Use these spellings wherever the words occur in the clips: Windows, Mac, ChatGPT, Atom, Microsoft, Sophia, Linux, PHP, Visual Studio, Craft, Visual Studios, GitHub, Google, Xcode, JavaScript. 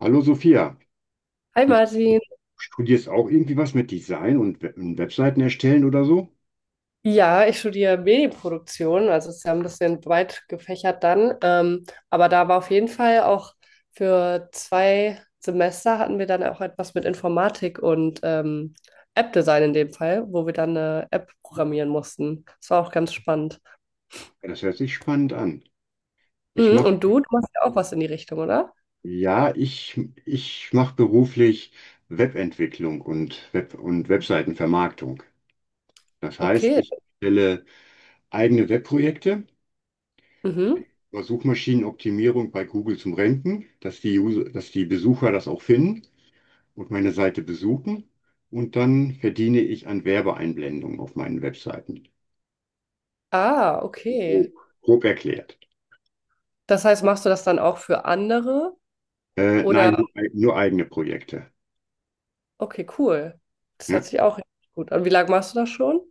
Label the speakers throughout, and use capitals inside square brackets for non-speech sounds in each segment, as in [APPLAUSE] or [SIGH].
Speaker 1: Hallo Sophia,
Speaker 2: Hi
Speaker 1: du
Speaker 2: Martin.
Speaker 1: studierst auch irgendwie was mit Design und und Webseiten erstellen oder so?
Speaker 2: Ja, ich studiere Medienproduktion, also es ist ja ein bisschen breit gefächert dann. Aber da war auf jeden Fall auch für zwei Semester hatten wir dann auch etwas mit Informatik und App-Design in dem Fall, wo wir dann eine App programmieren mussten. Das war auch ganz spannend.
Speaker 1: Ja, das hört sich spannend an. Ich
Speaker 2: Mhm,
Speaker 1: mache,
Speaker 2: und du machst ja auch was in die Richtung, oder?
Speaker 1: ja, ich, ich mache beruflich Webentwicklung und Webseitenvermarktung. Das heißt,
Speaker 2: Okay.
Speaker 1: ich stelle eigene Webprojekte
Speaker 2: Mhm.
Speaker 1: über Suchmaschinenoptimierung bei Google zum Ranken, dass die Besucher das auch finden und meine Seite besuchen. Und dann verdiene ich an Werbeeinblendungen auf meinen Webseiten.
Speaker 2: Ah,
Speaker 1: Grob,
Speaker 2: okay.
Speaker 1: grob erklärt.
Speaker 2: Das heißt, machst du das dann auch für andere? Oder,
Speaker 1: Nein, nur eigene Projekte.
Speaker 2: okay, cool. Das
Speaker 1: Ja.
Speaker 2: hört sich auch richtig gut an. Wie lange machst du das schon?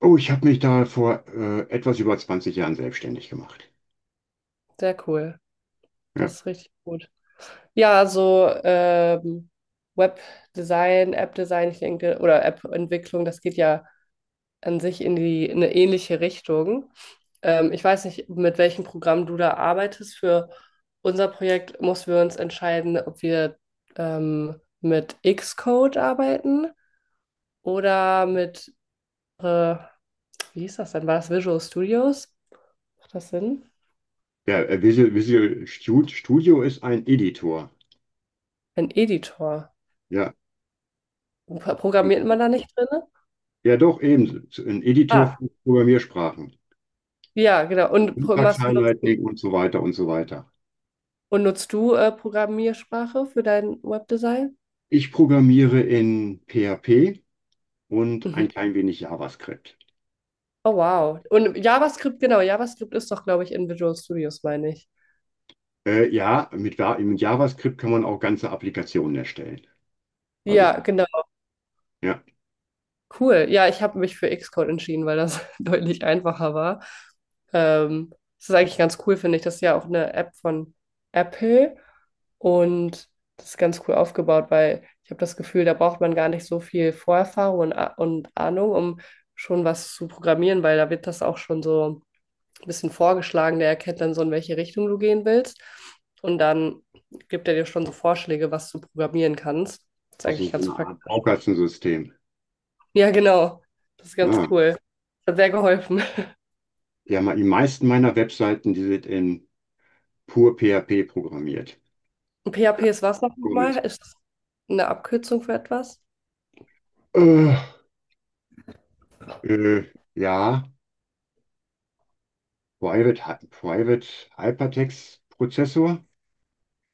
Speaker 1: Oh, ich habe mich da vor etwas über 20 Jahren selbstständig gemacht.
Speaker 2: Sehr cool.
Speaker 1: Ja.
Speaker 2: Das ist richtig gut. Ja, also Webdesign, App-Design, ich denke, oder App-Entwicklung, das geht ja an sich in in eine ähnliche Richtung. Ich weiß nicht, mit welchem Programm du da arbeitest. Für unser Projekt mussten wir uns entscheiden, ob wir mit Xcode arbeiten oder mit, äh, wie hieß das denn? War das Visual Studios? Macht das Sinn?
Speaker 1: Studio ist ein Editor.
Speaker 2: Ein Editor.
Speaker 1: Ja.
Speaker 2: Programmiert man da nicht drin?
Speaker 1: Ja, doch, eben. Ein Editor
Speaker 2: Ah,
Speaker 1: für Programmiersprachen.
Speaker 2: ja, genau. Und machst, nutzt,
Speaker 1: Syntax-Highlighting und so weiter und so weiter.
Speaker 2: und nutzt du Programmiersprache für dein Webdesign?
Speaker 1: Ich programmiere in PHP und
Speaker 2: Mhm.
Speaker 1: ein klein wenig JavaScript.
Speaker 2: Oh, wow. Und JavaScript, genau. JavaScript ist doch, glaube ich, in Visual Studios, meine ich.
Speaker 1: Mit JavaScript kann man auch ganze Applikationen erstellen. Also,
Speaker 2: Ja, genau.
Speaker 1: ja,
Speaker 2: Cool. Ja, ich habe mich für Xcode entschieden, weil das [LAUGHS] deutlich einfacher war. Ähm, Das ist eigentlich ganz cool, finde ich. Das ist ja auch eine App von Apple und das ist ganz cool aufgebaut, weil ich habe das Gefühl, da braucht man gar nicht so viel Vorerfahrung und Ahnung, um schon was zu programmieren, weil da wird das auch schon so ein bisschen vorgeschlagen. Der erkennt dann so, in welche Richtung du gehen willst. Und dann gibt er dir schon so Vorschläge, was du programmieren kannst. Das ist
Speaker 1: also
Speaker 2: eigentlich
Speaker 1: so
Speaker 2: ganz
Speaker 1: eine Art
Speaker 2: praktisch.
Speaker 1: Baukastensystem.
Speaker 2: Ja, genau. Das ist ganz
Speaker 1: Ah,
Speaker 2: cool. Das hat sehr geholfen.
Speaker 1: ja, die meisten meiner Webseiten, die sind in pur PHP programmiert.
Speaker 2: Und PHP ist was
Speaker 1: Pur
Speaker 2: nochmal?
Speaker 1: Mensch.
Speaker 2: Ist das eine Abkürzung für etwas?
Speaker 1: Äh, äh, ja, Private Hypertext Prozessor,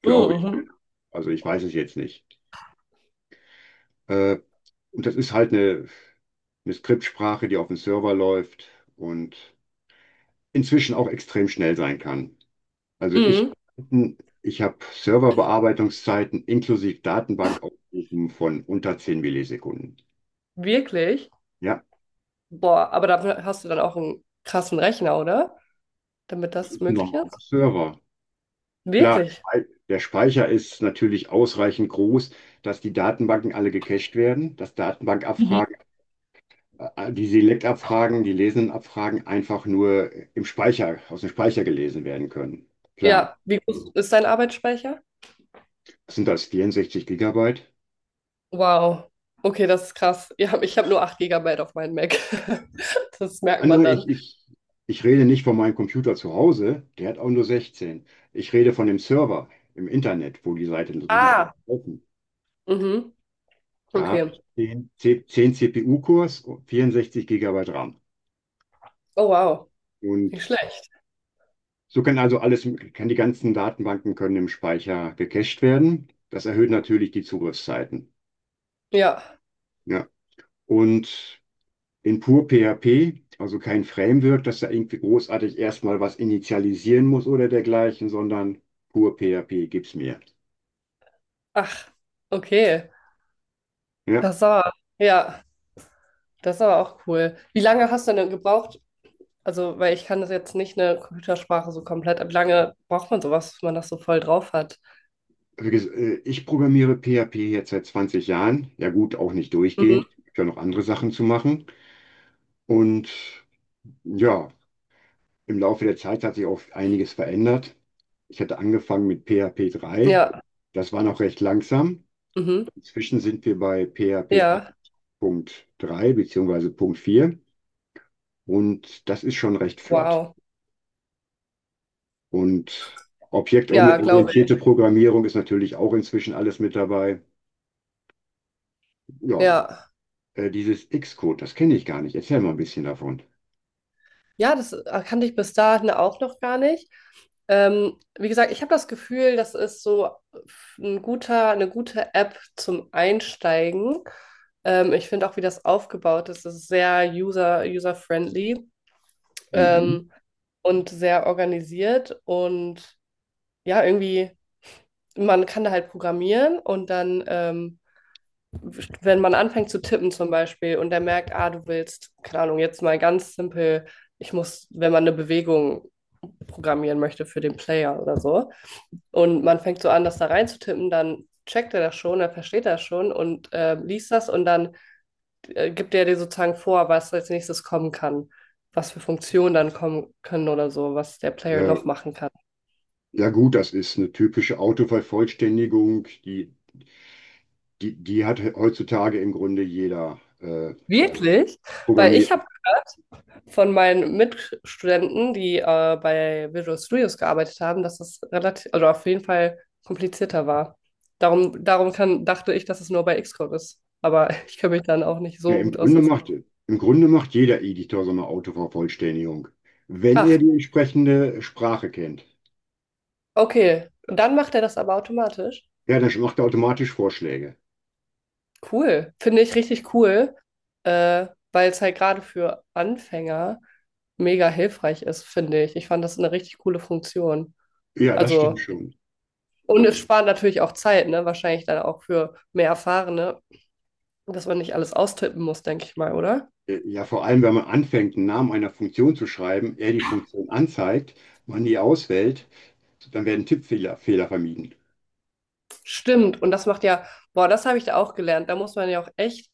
Speaker 1: glaube ich.
Speaker 2: Mhm.
Speaker 1: Also ich weiß es jetzt nicht. Äh, und das ist eine Skriptsprache, die auf dem Server läuft und inzwischen auch extrem schnell sein kann. Also ich,
Speaker 2: Mhm.
Speaker 1: Ich habe Serverbearbeitungszeiten inklusive Datenbankaufrufen von unter 10 Millisekunden.
Speaker 2: Wirklich?
Speaker 1: Ja,
Speaker 2: Boah, aber dafür hast du dann auch einen krassen Rechner, oder? Damit
Speaker 1: das
Speaker 2: das
Speaker 1: ist ein
Speaker 2: möglich
Speaker 1: normaler
Speaker 2: ist?
Speaker 1: Server. Klar,
Speaker 2: Wirklich?
Speaker 1: Der Speicher ist natürlich ausreichend groß, dass die Datenbanken alle gecached werden, dass
Speaker 2: Mhm.
Speaker 1: Die Select-Abfragen, die lesenden Abfragen einfach nur aus dem Speicher gelesen werden können. Klar,
Speaker 2: Ja, wie groß ist dein Arbeitsspeicher?
Speaker 1: sind das 64 Gigabyte?
Speaker 2: Wow. Okay, das ist krass. Ja, ich habe nur 8 Gigabyte auf meinem Mac. [LAUGHS] Das
Speaker 1: Ah,
Speaker 2: merkt man
Speaker 1: nein, ich,
Speaker 2: dann.
Speaker 1: ich, ich rede nicht von meinem Computer zu Hause, der hat auch nur 16. Ich rede von dem Server im Internet, wo die
Speaker 2: Ah.
Speaker 1: laufen.
Speaker 2: Mhm.
Speaker 1: Da habe
Speaker 2: Okay.
Speaker 1: ich 10 CPU-Cores, 64 Gigabyte RAM.
Speaker 2: Oh, wow.
Speaker 1: Und
Speaker 2: Nicht schlecht.
Speaker 1: so kann kann die ganzen Datenbanken können im Speicher gecached werden. Das erhöht natürlich die Zugriffszeiten.
Speaker 2: Ja.
Speaker 1: Ja. Und in pur PHP, also kein Framework, dass da irgendwie großartig erstmal was initialisieren muss oder dergleichen, sondern pur PHP gibt's mir.
Speaker 2: Ach, okay.
Speaker 1: Ja.
Speaker 2: Das ist aber, ja, das ist aber auch cool. Wie lange hast du denn gebraucht? Also, weil ich kann das jetzt nicht eine Computersprache so komplett, aber wie lange braucht man sowas, wenn man das so voll drauf hat?
Speaker 1: Ich programmiere PHP jetzt seit 20 Jahren. Ja gut, auch nicht
Speaker 2: Mhm.
Speaker 1: durchgehend. Ich habe ja noch andere Sachen zu machen. Und ja, im Laufe der Zeit hat sich auch einiges verändert. Ich hatte angefangen mit PHP 3.
Speaker 2: Ja,
Speaker 1: Das war noch recht langsam.
Speaker 2: mhm.
Speaker 1: Inzwischen sind wir bei PHP
Speaker 2: Ja,
Speaker 1: 8.3 bzw. Punkt 4 und das ist schon recht flott.
Speaker 2: wow.
Speaker 1: Und
Speaker 2: Ja, glaube
Speaker 1: objektorientierte
Speaker 2: ich.
Speaker 1: Programmierung ist natürlich auch inzwischen alles mit dabei. Ja,
Speaker 2: Ja.
Speaker 1: dieses Xcode, das kenne ich gar nicht. Erzähl mal ein bisschen davon.
Speaker 2: Ja, das kannte ich bis dahin auch noch gar nicht. Wie gesagt, ich habe das Gefühl, das ist so ein guter, eine gute App zum Einsteigen. Ich finde auch, wie das aufgebaut ist, das ist sehr user-friendly.
Speaker 1: Mhm.
Speaker 2: ähm, und sehr organisiert und ja, irgendwie, man kann da halt programmieren und dann, wenn man anfängt zu tippen zum Beispiel und der merkt, ah, du willst, keine Ahnung, jetzt mal ganz simpel, ich muss, wenn man eine Bewegung programmieren möchte für den Player oder so und man fängt so an, das da reinzutippen, dann checkt er das schon, er versteht das schon und liest das und dann gibt der dir sozusagen vor, was als nächstes kommen kann, was für Funktionen dann kommen können oder so, was der Player
Speaker 1: Äh,
Speaker 2: noch machen kann.
Speaker 1: ja gut, das ist eine typische Autovervollständigung, die die hat heutzutage im Grunde jeder
Speaker 2: Wirklich? Weil ich
Speaker 1: programmiert.
Speaker 2: habe gehört von meinen Mitstudenten, die bei Visual Studios gearbeitet haben, dass es relativ, also auf jeden Fall komplizierter war. Darum kann, dachte ich, dass es nur bei Xcode ist. Aber [LAUGHS] ich kenne mich dann auch nicht
Speaker 1: Ja,
Speaker 2: so gut aus. Dass...
Speaker 1: Im Grunde macht jeder Editor so eine Autovervollständigung. Wenn er
Speaker 2: Ach,
Speaker 1: die entsprechende Sprache kennt,
Speaker 2: okay. Und dann macht er das aber automatisch.
Speaker 1: ja, dann macht er automatisch Vorschläge.
Speaker 2: Cool, finde ich richtig cool, äh, weil es halt gerade für Anfänger mega hilfreich ist, finde ich. Ich fand das eine richtig coole Funktion.
Speaker 1: Ja, das stimmt
Speaker 2: Also,
Speaker 1: schon.
Speaker 2: und es spart natürlich auch Zeit, ne? Wahrscheinlich dann auch für mehr Erfahrene, dass man nicht alles austippen muss, denke ich mal, oder?
Speaker 1: Ja, vor allem, wenn man anfängt, einen Namen einer Funktion zu schreiben, er die Funktion anzeigt, man die auswählt, dann werden Tippfehler Fehler vermieden.
Speaker 2: Stimmt, und das macht ja, boah, das habe ich da auch gelernt. Da muss man ja auch echt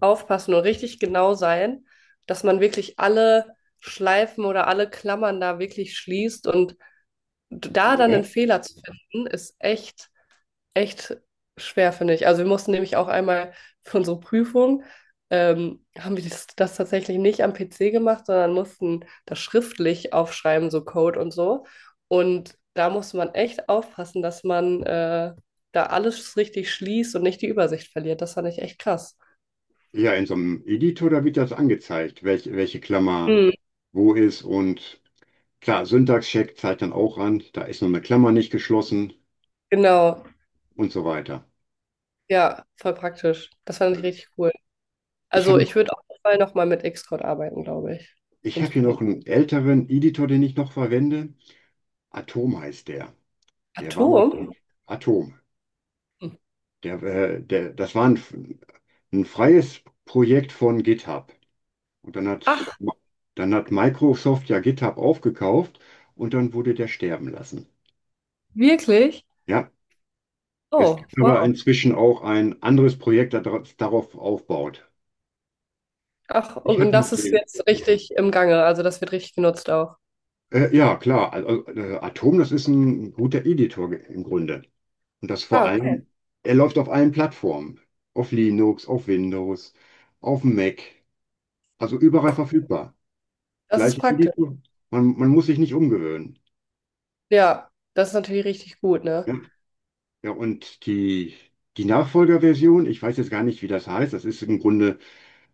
Speaker 2: aufpassen und richtig genau sein, dass man wirklich alle Schleifen oder alle Klammern da wirklich schließt und da dann einen
Speaker 1: Ja.
Speaker 2: Fehler zu finden, ist echt, echt schwer, finde ich. Also wir mussten nämlich auch einmal für unsere Prüfung, haben wir das tatsächlich nicht am PC gemacht, sondern mussten das schriftlich aufschreiben, so Code und so. Und da musste man echt aufpassen, dass man da alles richtig schließt und nicht die Übersicht verliert. Das fand ich echt krass.
Speaker 1: Ja, in so einem Editor, da wird das angezeigt, welche Klammer
Speaker 2: Hm,
Speaker 1: wo ist und klar, Syntax-Check zeigt dann auch an, da ist noch eine Klammer nicht geschlossen
Speaker 2: genau,
Speaker 1: und so weiter.
Speaker 2: ja, voll praktisch. Das fand ich richtig cool.
Speaker 1: Ich
Speaker 2: Also
Speaker 1: habe
Speaker 2: ich würde auf jeden Fall nochmal mit Xcode arbeiten, glaube ich,
Speaker 1: Ich
Speaker 2: in
Speaker 1: hab hier noch
Speaker 2: Zukunft.
Speaker 1: einen älteren Editor, den ich noch verwende. Atom heißt der. Der war mal
Speaker 2: Atom?
Speaker 1: Atom. Das war ein freies Projekt von GitHub. Und dann
Speaker 2: Ach,
Speaker 1: hat, Dann hat Microsoft ja GitHub aufgekauft und dann wurde der sterben lassen.
Speaker 2: wirklich?
Speaker 1: Ja, es
Speaker 2: Oh,
Speaker 1: gibt aber
Speaker 2: wow.
Speaker 1: inzwischen auch ein anderes Projekt, das darauf aufbaut.
Speaker 2: Ach,
Speaker 1: Ich
Speaker 2: und
Speaker 1: habe noch
Speaker 2: das ist
Speaker 1: den.
Speaker 2: jetzt richtig im Gange, also das wird richtig genutzt auch.
Speaker 1: Ja, klar. Also, Atom, das ist ein guter Editor im Grunde. Und das vor
Speaker 2: Ah, okay.
Speaker 1: allem, er läuft auf allen Plattformen. Auf Linux, auf Windows, auf dem Mac. Also überall verfügbar.
Speaker 2: Das ist
Speaker 1: Gleiche
Speaker 2: praktisch.
Speaker 1: Editor. Man muss sich nicht umgewöhnen.
Speaker 2: Ja, das ist natürlich richtig gut, ne?
Speaker 1: Ja, ja und die Nachfolgerversion, ich weiß jetzt gar nicht, wie das heißt. Das ist im Grunde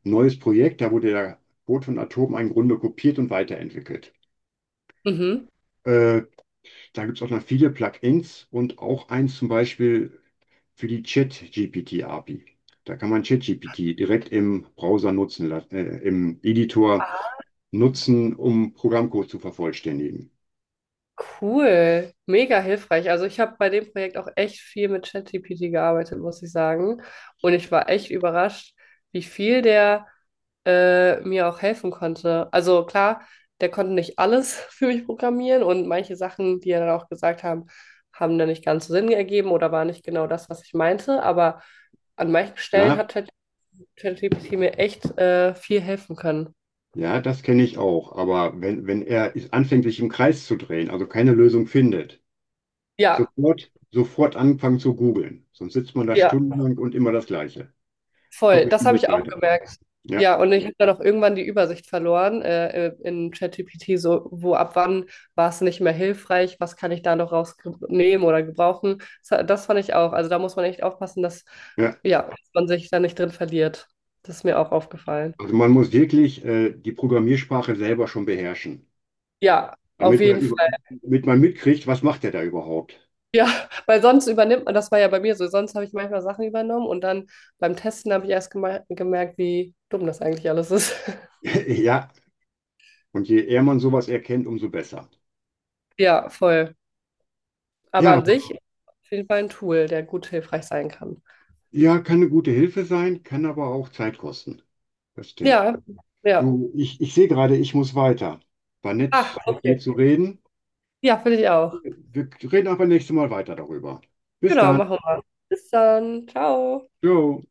Speaker 1: ein neues Projekt. Da wurde der Code von Atom im Grunde kopiert und weiterentwickelt.
Speaker 2: Mhm.
Speaker 1: Äh, Da gibt es auch noch viele Plugins und auch eins zum Beispiel für die Chat-GPT-API. Da kann man ChatGPT direkt im Browser nutzen, im Editor nutzen, um Programmcode zu vervollständigen.
Speaker 2: Cool, mega hilfreich. Also ich habe bei dem Projekt auch echt viel mit ChatGPT gearbeitet, muss ich sagen. Und ich war echt überrascht, wie viel der mir auch helfen konnte. Also klar, der konnte nicht alles [LAUGHS] für mich programmieren und manche Sachen, die er dann auch gesagt haben, haben dann nicht ganz so Sinn ergeben oder waren nicht genau das, was ich meinte. Aber an manchen Stellen
Speaker 1: Ja,
Speaker 2: hat ChatGPT mir echt viel helfen können.
Speaker 1: ja, das kenne ich auch. Aber wenn er anfängt, sich im Kreis zu drehen, also keine Lösung findet,
Speaker 2: Ja,
Speaker 1: sofort anfangen zu googeln. Sonst sitzt man da
Speaker 2: ja.
Speaker 1: stundenlang und immer das Gleiche. Kommt
Speaker 2: Voll,
Speaker 1: mit
Speaker 2: das
Speaker 1: ihm
Speaker 2: habe
Speaker 1: nicht
Speaker 2: ich auch
Speaker 1: weiter.
Speaker 2: gemerkt.
Speaker 1: Ja,
Speaker 2: Ja, und ich habe dann auch irgendwann die Übersicht verloren in ChatGPT, so wo ab wann war es nicht mehr hilfreich, was kann ich da noch rausnehmen oder gebrauchen. Das fand ich auch. Also da muss man echt aufpassen, dass,
Speaker 1: ja.
Speaker 2: ja, dass man sich da nicht drin verliert. Das ist mir auch aufgefallen.
Speaker 1: Also man muss wirklich die Programmiersprache selber schon beherrschen,
Speaker 2: Ja, auf
Speaker 1: damit man,
Speaker 2: jeden
Speaker 1: über,
Speaker 2: Fall.
Speaker 1: damit man mitkriegt, was macht er da überhaupt.
Speaker 2: Ja, [LAUGHS] weil sonst übernimmt man, das war ja bei mir so, sonst habe ich manchmal Sachen übernommen und dann beim Testen habe ich erst gemerkt, wie dumm das eigentlich alles ist. [LAUGHS]
Speaker 1: Ja, und je eher man sowas erkennt, umso besser.
Speaker 2: Ja, voll. Aber
Speaker 1: Ja,
Speaker 2: an sich auf jeden Fall ein Tool, der gut hilfreich sein kann.
Speaker 1: ja, kann eine gute Hilfe sein, kann aber auch Zeit kosten. Das stimmt.
Speaker 2: Ja, ja.
Speaker 1: Du, ich sehe gerade, ich muss weiter. War
Speaker 2: Ach,
Speaker 1: nett, mit dir
Speaker 2: okay.
Speaker 1: zu reden.
Speaker 2: Ja, finde ich auch.
Speaker 1: Wir reden aber nächstes Mal weiter darüber. Bis
Speaker 2: Genau,
Speaker 1: dann.
Speaker 2: machen wir. Bis dann. Ciao.
Speaker 1: Ciao.